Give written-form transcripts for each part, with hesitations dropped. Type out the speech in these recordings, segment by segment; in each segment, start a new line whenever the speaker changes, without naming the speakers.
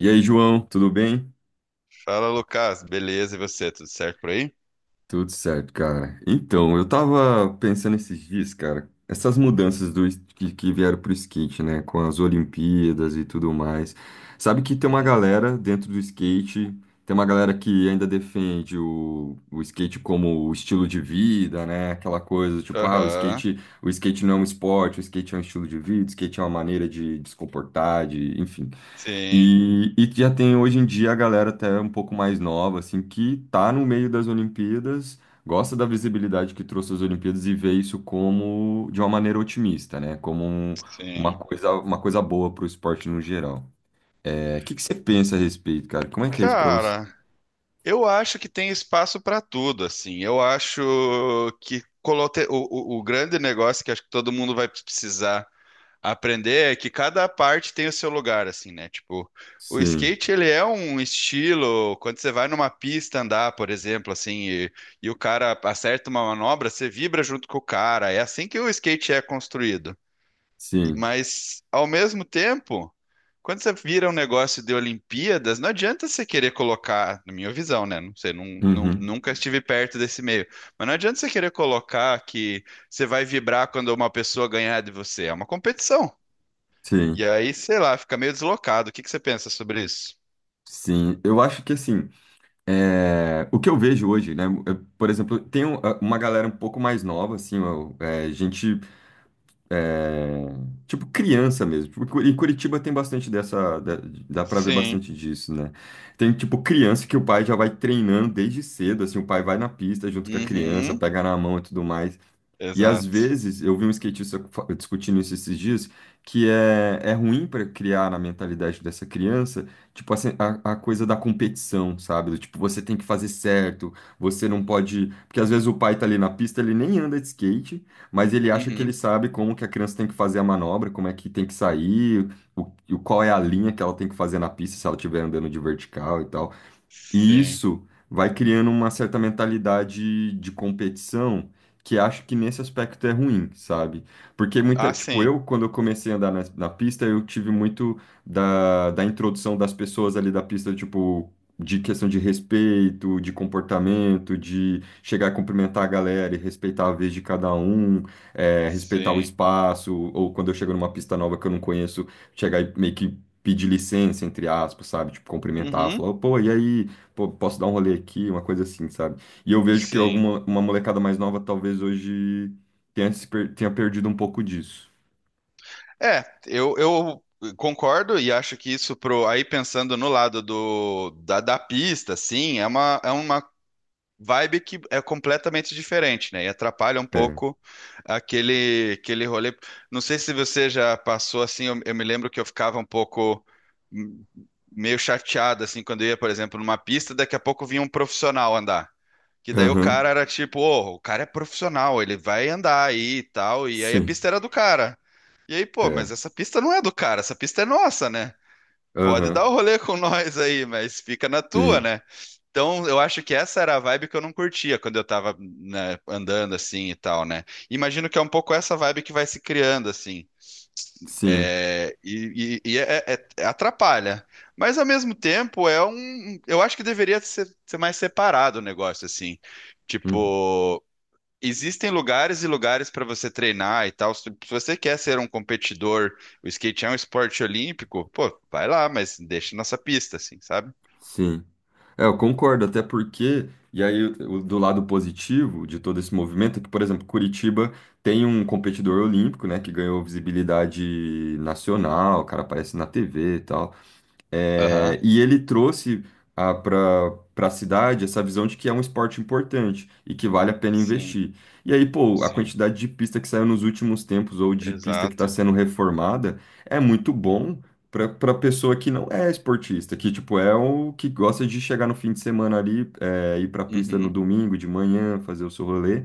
E aí, João, tudo bem?
Fala, Lucas. Beleza, e você? Tudo certo por aí?
Tudo certo, cara. Então, eu tava pensando esses dias, cara, essas mudanças que vieram pro skate, né? Com as Olimpíadas e tudo mais. Sabe que tem uma
Uhum.
galera dentro do skate, tem uma galera que ainda defende o skate como o estilo de vida, né? Aquela coisa, tipo, ah,
Aham.
o skate não é um esporte, o skate é um estilo de vida, o skate é uma maneira de se comportar, de, enfim.
Sim,
E já tem hoje em dia a galera até um pouco mais nova, assim, que tá no meio das Olimpíadas, gosta da visibilidade que trouxe as Olimpíadas e vê isso como de uma maneira otimista, né? Uma
sim.
coisa, uma coisa boa para o esporte no geral. É, o que que você pensa a respeito, cara? Como é que é isso para você?
Cara, eu acho que tem espaço para tudo, assim. Eu acho que o grande negócio que acho que todo mundo vai precisar aprender é que cada parte tem o seu lugar, assim, né? Tipo, o
Sim,
skate, ele é um estilo, quando você vai numa pista andar, por exemplo, assim, e o cara acerta uma manobra, você vibra junto com o cara. É assim que o skate é construído.
sim,
Mas, ao mesmo tempo, quando você vira um negócio de Olimpíadas, não adianta você querer colocar, na minha visão, né? Não sei,
uhum,
nunca estive perto desse meio. Mas não adianta você querer colocar que você vai vibrar quando uma pessoa ganhar de você. É uma competição. E
sim,
aí, sei lá, fica meio deslocado. O que que você pensa sobre isso?
sim. Eu acho que assim, é, o que eu vejo hoje, né? Por exemplo, uma galera um pouco mais nova, assim, é, é, tipo criança mesmo. Tipo, em Curitiba tem bastante dá pra ver
Sim.
bastante disso, né? Tem tipo criança que o pai já vai treinando desde cedo, assim, o pai vai na pista junto com a criança,
Uhum.
pega na mão e tudo mais. E às
Exato.
vezes, eu vi um skatista discutindo isso esses dias, que é ruim para criar na mentalidade dessa criança, tipo, assim, a coisa da competição, sabe? Do tipo, você tem que fazer certo, você não pode. Porque às vezes o pai tá ali na pista, ele nem anda de skate, mas ele acha que ele
Uhum.
sabe como que a criança tem que fazer a manobra, como é que tem que sair, qual é a linha que ela tem que fazer na pista se ela estiver andando de vertical e tal. E
Sim.
isso vai criando uma certa mentalidade de competição que acho que nesse aspecto é ruim, sabe? Porque
Ah,
muita, tipo,
sim.
eu, quando eu comecei a andar na pista, eu tive muito da introdução das pessoas ali da pista, tipo, de questão de respeito, de comportamento, de chegar a cumprimentar a galera e respeitar a vez de cada um, é, respeitar o
Sim.
espaço, ou quando eu chego numa pista nova que eu não conheço, chegar e meio que pedir licença, entre aspas, sabe? Tipo, cumprimentar,
Uhum.
falar, pô, e aí? Pô, posso dar um rolê aqui, uma coisa assim, sabe? E eu vejo que
Sim.
alguma uma molecada mais nova talvez hoje tenha, se per- tenha perdido um pouco disso.
É, eu concordo e acho que isso pro aí pensando no lado do da pista, sim, é uma vibe que é completamente diferente, né? E atrapalha um
É.
pouco aquele rolê. Não sei se você já passou assim, eu me lembro que eu ficava um pouco hum, meio chateado assim quando eu ia, por exemplo, numa pista, daqui a pouco vinha um profissional andar. Que daí o
Aham.
cara era tipo, ô, o cara é profissional, ele vai andar aí e tal, e aí a
Sim.
pista era do cara. E aí, pô, mas
É.
essa pista não é do cara, essa pista é nossa, né? Pode dar
Aham.
o rolê com nós aí, mas fica na tua,
Sim.
né? Então, eu acho que essa era a vibe que eu não curtia quando eu tava, né, andando assim e tal, né? Imagino que é um pouco essa vibe que vai se criando, assim.
Sim.
É, atrapalha. Mas, ao mesmo tempo, é um. Eu acho que deveria ser, mais separado o negócio, assim.
Uhum.
Tipo. Existem lugares e lugares para você treinar e tal. Se você quer ser um competidor, o skate é um esporte olímpico, pô, vai lá, mas deixa nossa pista, assim, sabe?
Sim. É, eu concordo, até porque. E aí, do lado positivo de todo esse movimento é que, por exemplo, Curitiba tem um competidor olímpico, né, que ganhou visibilidade nacional, o cara aparece na TV e tal.
Aham.
É, e ele trouxe para a cidade essa visão de que é um esporte importante e que vale a pena
Sim,
investir. E aí, pô, a
sim,
quantidade de pista que saiu nos últimos tempos ou de pista que está
exato.
sendo reformada é muito bom para pessoa que não é esportista, que tipo é o que gosta de chegar no fim de semana ali, é, ir para a pista no
Uhum,
domingo de manhã, fazer o seu rolê.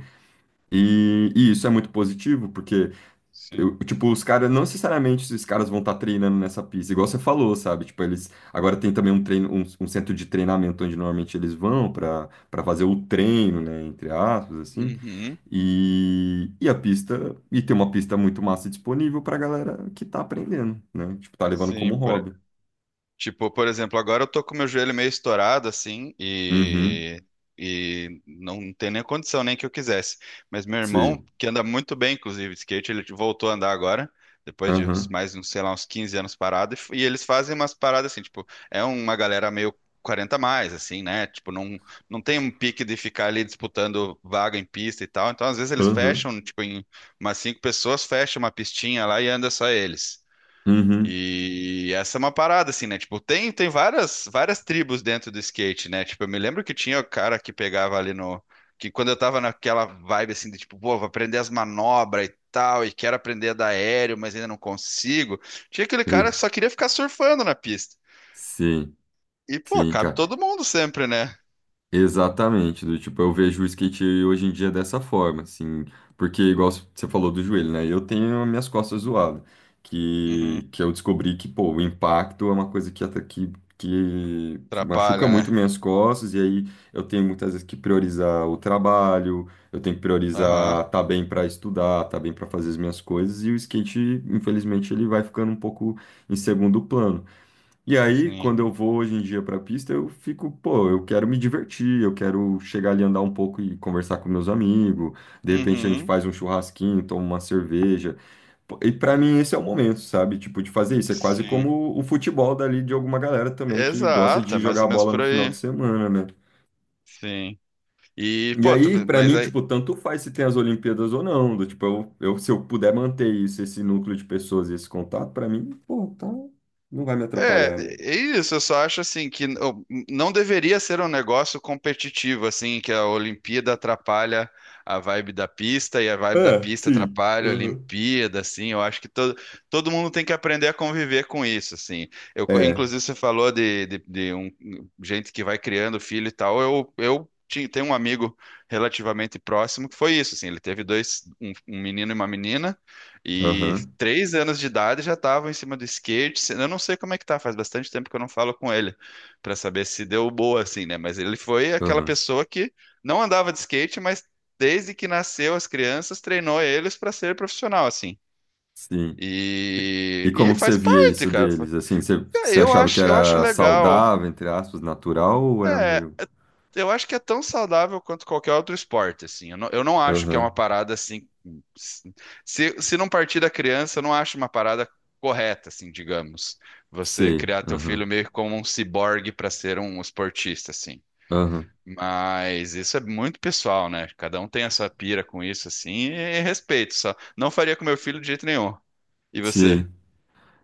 E isso é muito positivo porque
sim,
tipo, os caras, não necessariamente os caras vão estar treinando nessa pista, igual você falou, sabe? Tipo, eles agora tem também um treino, um centro de treinamento onde normalmente eles vão para fazer o treino, né? Entre aspas, assim.
uhum,
E a pista, e tem uma pista muito massa disponível pra galera que tá aprendendo, né? Tipo, tá levando
sim,
como hobby.
por Tipo, por exemplo, agora eu tô com meu joelho meio estourado, assim,
Uhum,
e não tem nem condição, nem que eu quisesse. Mas meu irmão,
sim.
que anda muito bem, inclusive, de skate, ele voltou a andar agora, depois de uns,
Aham,
mais, uns, sei lá, uns 15 anos parado, e eles fazem umas paradas assim, tipo, é uma galera meio 40 a mais, assim, né? Tipo, não, não tem um pique de ficar ali disputando vaga em pista e tal. Então, às vezes, eles
aham,
fecham, tipo, em umas cinco pessoas, fecha uma pistinha lá e anda só eles.
uhum, uhum.
E essa é uma parada, assim, né? Tipo, tem várias, tribos dentro do skate, né? Tipo, eu me lembro que tinha o cara que pegava ali no. Que quando eu tava naquela vibe, assim, de tipo, pô, vou aprender as manobras e tal, e quero aprender a dar aéreo, mas ainda não consigo. Tinha aquele cara
E,
que só queria ficar surfando na pista.
sim,
E, pô,
sim,
cabe
cara.
todo mundo sempre, né?
Exatamente, do tipo, eu vejo o skate hoje em dia dessa forma, assim, porque igual você falou do joelho, né? Eu tenho as minhas costas zoadas,
Uhum.
que eu descobri que, pô, o impacto é uma coisa que, ata- que machuca
Atrapalha,
muito
né?
minhas costas, e aí eu tenho muitas vezes que priorizar o trabalho, eu tenho que
Aham.
priorizar tá bem para estudar, tá bem para fazer as minhas coisas, e o skate, infelizmente, ele vai ficando um pouco em segundo plano. E aí,
Sim.
quando eu vou hoje em dia para a pista, eu fico, pô, eu quero me divertir, eu quero chegar ali, andar um pouco e conversar com meus amigos. De repente a gente
Uhum.
faz um churrasquinho, toma uma cerveja. Pô, e para mim esse é o momento, sabe? Tipo, de fazer isso. É quase
Sim.
como o futebol dali de alguma galera também que gosta
Exato,
de
é mais
jogar
ou menos
bola no
por
final de
aí.
semana, né?
Sim. E,
E
pô,
aí, pra
mas
mim,
aí
tipo, tanto faz se tem as Olimpíadas ou não. Do, tipo, se eu puder manter isso, esse núcleo de pessoas e esse contato, pra mim, pô, tá, não vai me
é,
atrapalhar, né?
é isso, eu só acho assim que não deveria ser um negócio competitivo, assim, que a Olimpíada atrapalha a vibe da pista e a vibe da
É,
pista
sim.
atrapalha a
Aham.
Olimpíada, assim, eu acho que todo, todo mundo tem que aprender a conviver com isso, assim. Eu,
É,
inclusive, você falou de um, gente que vai criando filho e tal, eu tinha, tenho um amigo relativamente próximo que foi isso, assim, ele teve dois, um menino e uma menina, e
aham,
3 anos de idade já estavam em cima do skate. Eu não sei como é que tá, faz bastante tempo que eu não falo com ele para saber se deu boa assim, né? Mas ele foi aquela
aham,
pessoa que não andava de skate, mas desde que nasceu as crianças treinou eles para ser profissional assim.
sim. E, e
E
como que você
faz
via
parte,
isso
cara.
deles? Assim, você achava que
Eu acho
era
legal.
saudável, entre aspas, natural, ou era
É,
meio...
Eu acho que é tão saudável quanto qualquer outro esporte, assim. Eu não acho que é uma
Aham,
parada assim. Se não partir da criança, eu não acho uma parada correta, assim, digamos. Você
sei,
criar teu
aham,
filho meio que como um ciborgue para ser um esportista, assim.
aham,
Mas isso é muito pessoal, né? Cada um tem a sua pira com isso, assim, e respeito só. Não faria com meu filho de jeito nenhum. E você?
sei.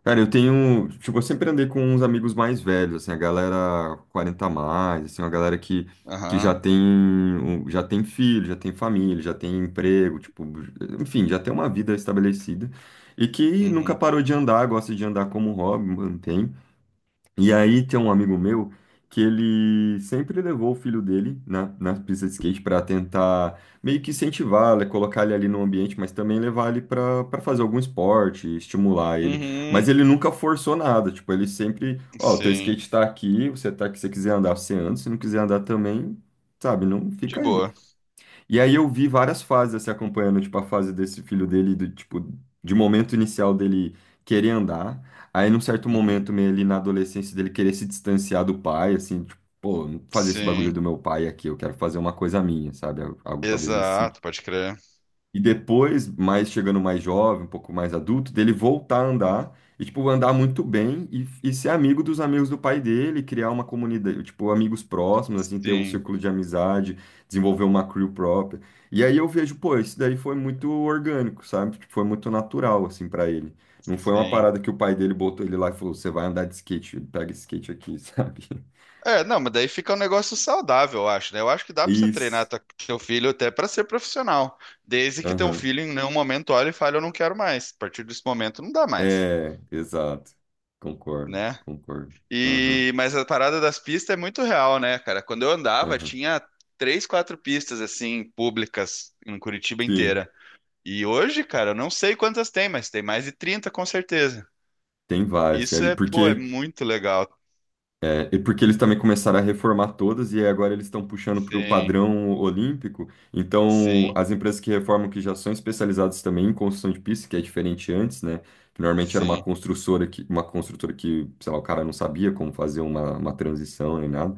Cara, eu tenho... Tipo, eu sempre andei com uns amigos mais velhos, assim, a galera 40 a mais, assim, uma galera que já
Aham.
tem, já tem filho, já tem família, já tem emprego, tipo... Enfim, já tem uma vida estabelecida. E que nunca
Uhum.
parou de andar, gosta de andar como hobby, mantém. E aí tem um amigo meu que ele sempre levou o filho dele na pista de skate para tentar meio que incentivar, né, colocar ele ali no ambiente, mas também levar ele para fazer algum esporte, estimular ele. Mas
Uhum.
ele nunca forçou nada, tipo, ele sempre, ó, teu
Sim.
skate tá aqui, você tá aqui, se você quiser andar, você anda, se não quiser andar também, sabe, não
De
fica aí.
boa.
E aí eu vi várias fases assim, acompanhando, tipo, a fase desse filho dele, do, tipo, de momento inicial dele querer andar. Aí num certo
Uhum.
momento, meio ali na adolescência dele querer se distanciar do pai, assim, tipo, pô, não fazer esse bagulho
Sim.
do meu pai aqui, eu quero fazer uma coisa minha, sabe? Algo, algo talvez nesse
Exato, pode crer.
e depois, mais chegando mais jovem, um pouco mais adulto, dele voltar a andar e, tipo, andar muito bem e ser amigo dos amigos do pai dele, criar uma comunidade, tipo, amigos próximos, assim, ter um
Sim,
círculo de amizade, desenvolver uma crew própria. E aí eu vejo, pô, isso daí foi muito orgânico, sabe? Tipo, foi muito natural, assim, pra ele. Não foi uma
sim.
parada que o pai dele botou ele lá e falou: você vai andar de skate, pega esse skate aqui, sabe?
É, não, mas daí fica um negócio saudável, eu acho, né? Eu acho que dá pra você treinar
Isso.
teu filho até pra ser profissional, desde que teu
Aham.
filho em nenhum momento olhe e fale, eu não quero mais. A partir desse momento não dá mais,
É, exato. Concordo,
né?
concordo. Aham,
E mas a parada das pistas é muito real, né, cara? Quando eu andava,
aham.
tinha três, quatro pistas assim públicas em Curitiba
Sim,
inteira. E hoje, cara, eu não sei quantas tem, mas tem mais de 30 com certeza.
tem várias,
Isso
cara. E
é, pô, é
porque,
muito legal.
é, e porque eles também começaram a reformar todas e agora eles estão puxando para o
Sim,
padrão olímpico. Então,
sim,
as empresas que reformam que já são especializadas também em construção de pista, que é diferente antes, né? Que normalmente era
sim.
uma construtora que, sei lá, o cara não sabia como fazer uma transição nem nada.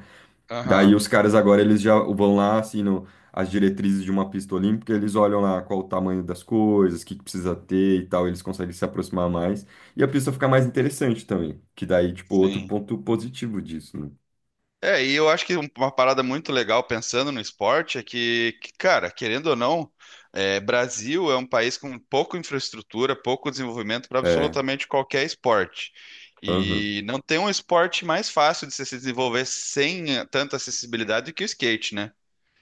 Aham.
Daí os caras agora eles já vão lá, assinam as diretrizes de uma pista olímpica, eles olham lá qual o tamanho das coisas, o que que precisa ter e tal, eles conseguem se aproximar mais. E a pista fica mais interessante também, que daí, tipo, outro
Sim.
ponto positivo disso, né?
É, e eu acho que uma parada muito legal pensando no esporte é que, cara, querendo ou não, é, Brasil é um país com pouca infraestrutura, pouco desenvolvimento para
É,
absolutamente qualquer esporte.
aham,
E não tem um esporte mais fácil de se desenvolver sem tanta acessibilidade que o skate, né?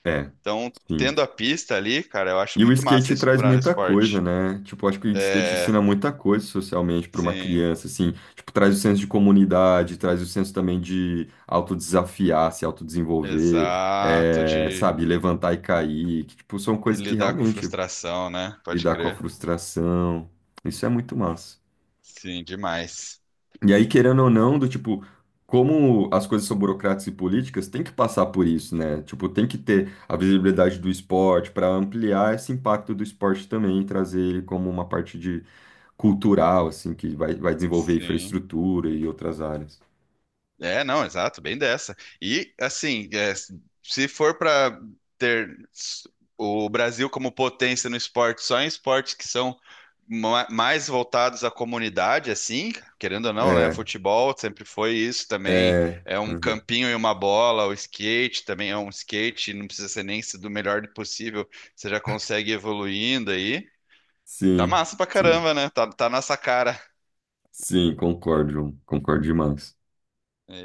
é,
Então,
sim.
tendo a pista ali, cara, eu acho
E o
muito massa
skate
isso
traz
para
muita coisa,
esporte.
né? Tipo, acho que o skate
É,
ensina muita coisa socialmente para uma
sim,
criança, assim. Tipo, traz o senso de comunidade, traz o senso também de autodesafiar, se autodesenvolver,
exato,
é,
de
sabe, levantar e cair. Que, tipo, são
e
coisas que
lidar com
realmente
frustração, né? Pode
lidar com a
crer.
frustração. Isso é muito massa.
Sim, demais.
E aí, querendo ou não, do tipo, como as coisas são burocráticas e políticas, tem que passar por isso, né? Tipo, tem que ter a visibilidade do esporte para ampliar esse impacto do esporte também, e trazer ele como uma parte de cultural, assim, que vai, vai desenvolver
Sim.
infraestrutura e outras áreas.
É, não, exato, bem dessa. E, assim, é, se for para ter s- o Brasil como potência no esporte, só em esportes que são mais voltados à comunidade, assim, querendo ou não, né?
É,
Futebol sempre foi isso também.
é,
É um
uhum.
campinho e uma bola, o skate também é um skate, não precisa ser nem do melhor possível, você já consegue ir evoluindo aí. Tá
Sim,
massa pra
sim,
caramba, né? Tá, tá nessa cara.
sim, concordo, João. Concordo demais.
É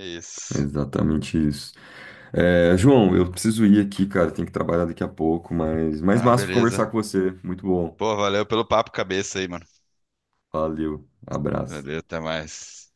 É
isso.
exatamente isso. É, João, eu preciso ir aqui, cara. Tenho que trabalhar daqui a pouco, mas mais
Ah,
massa conversar
beleza.
com você. Muito bom.
Pô, valeu pelo papo cabeça aí, mano.
Valeu, abraço.
Valeu, até mais.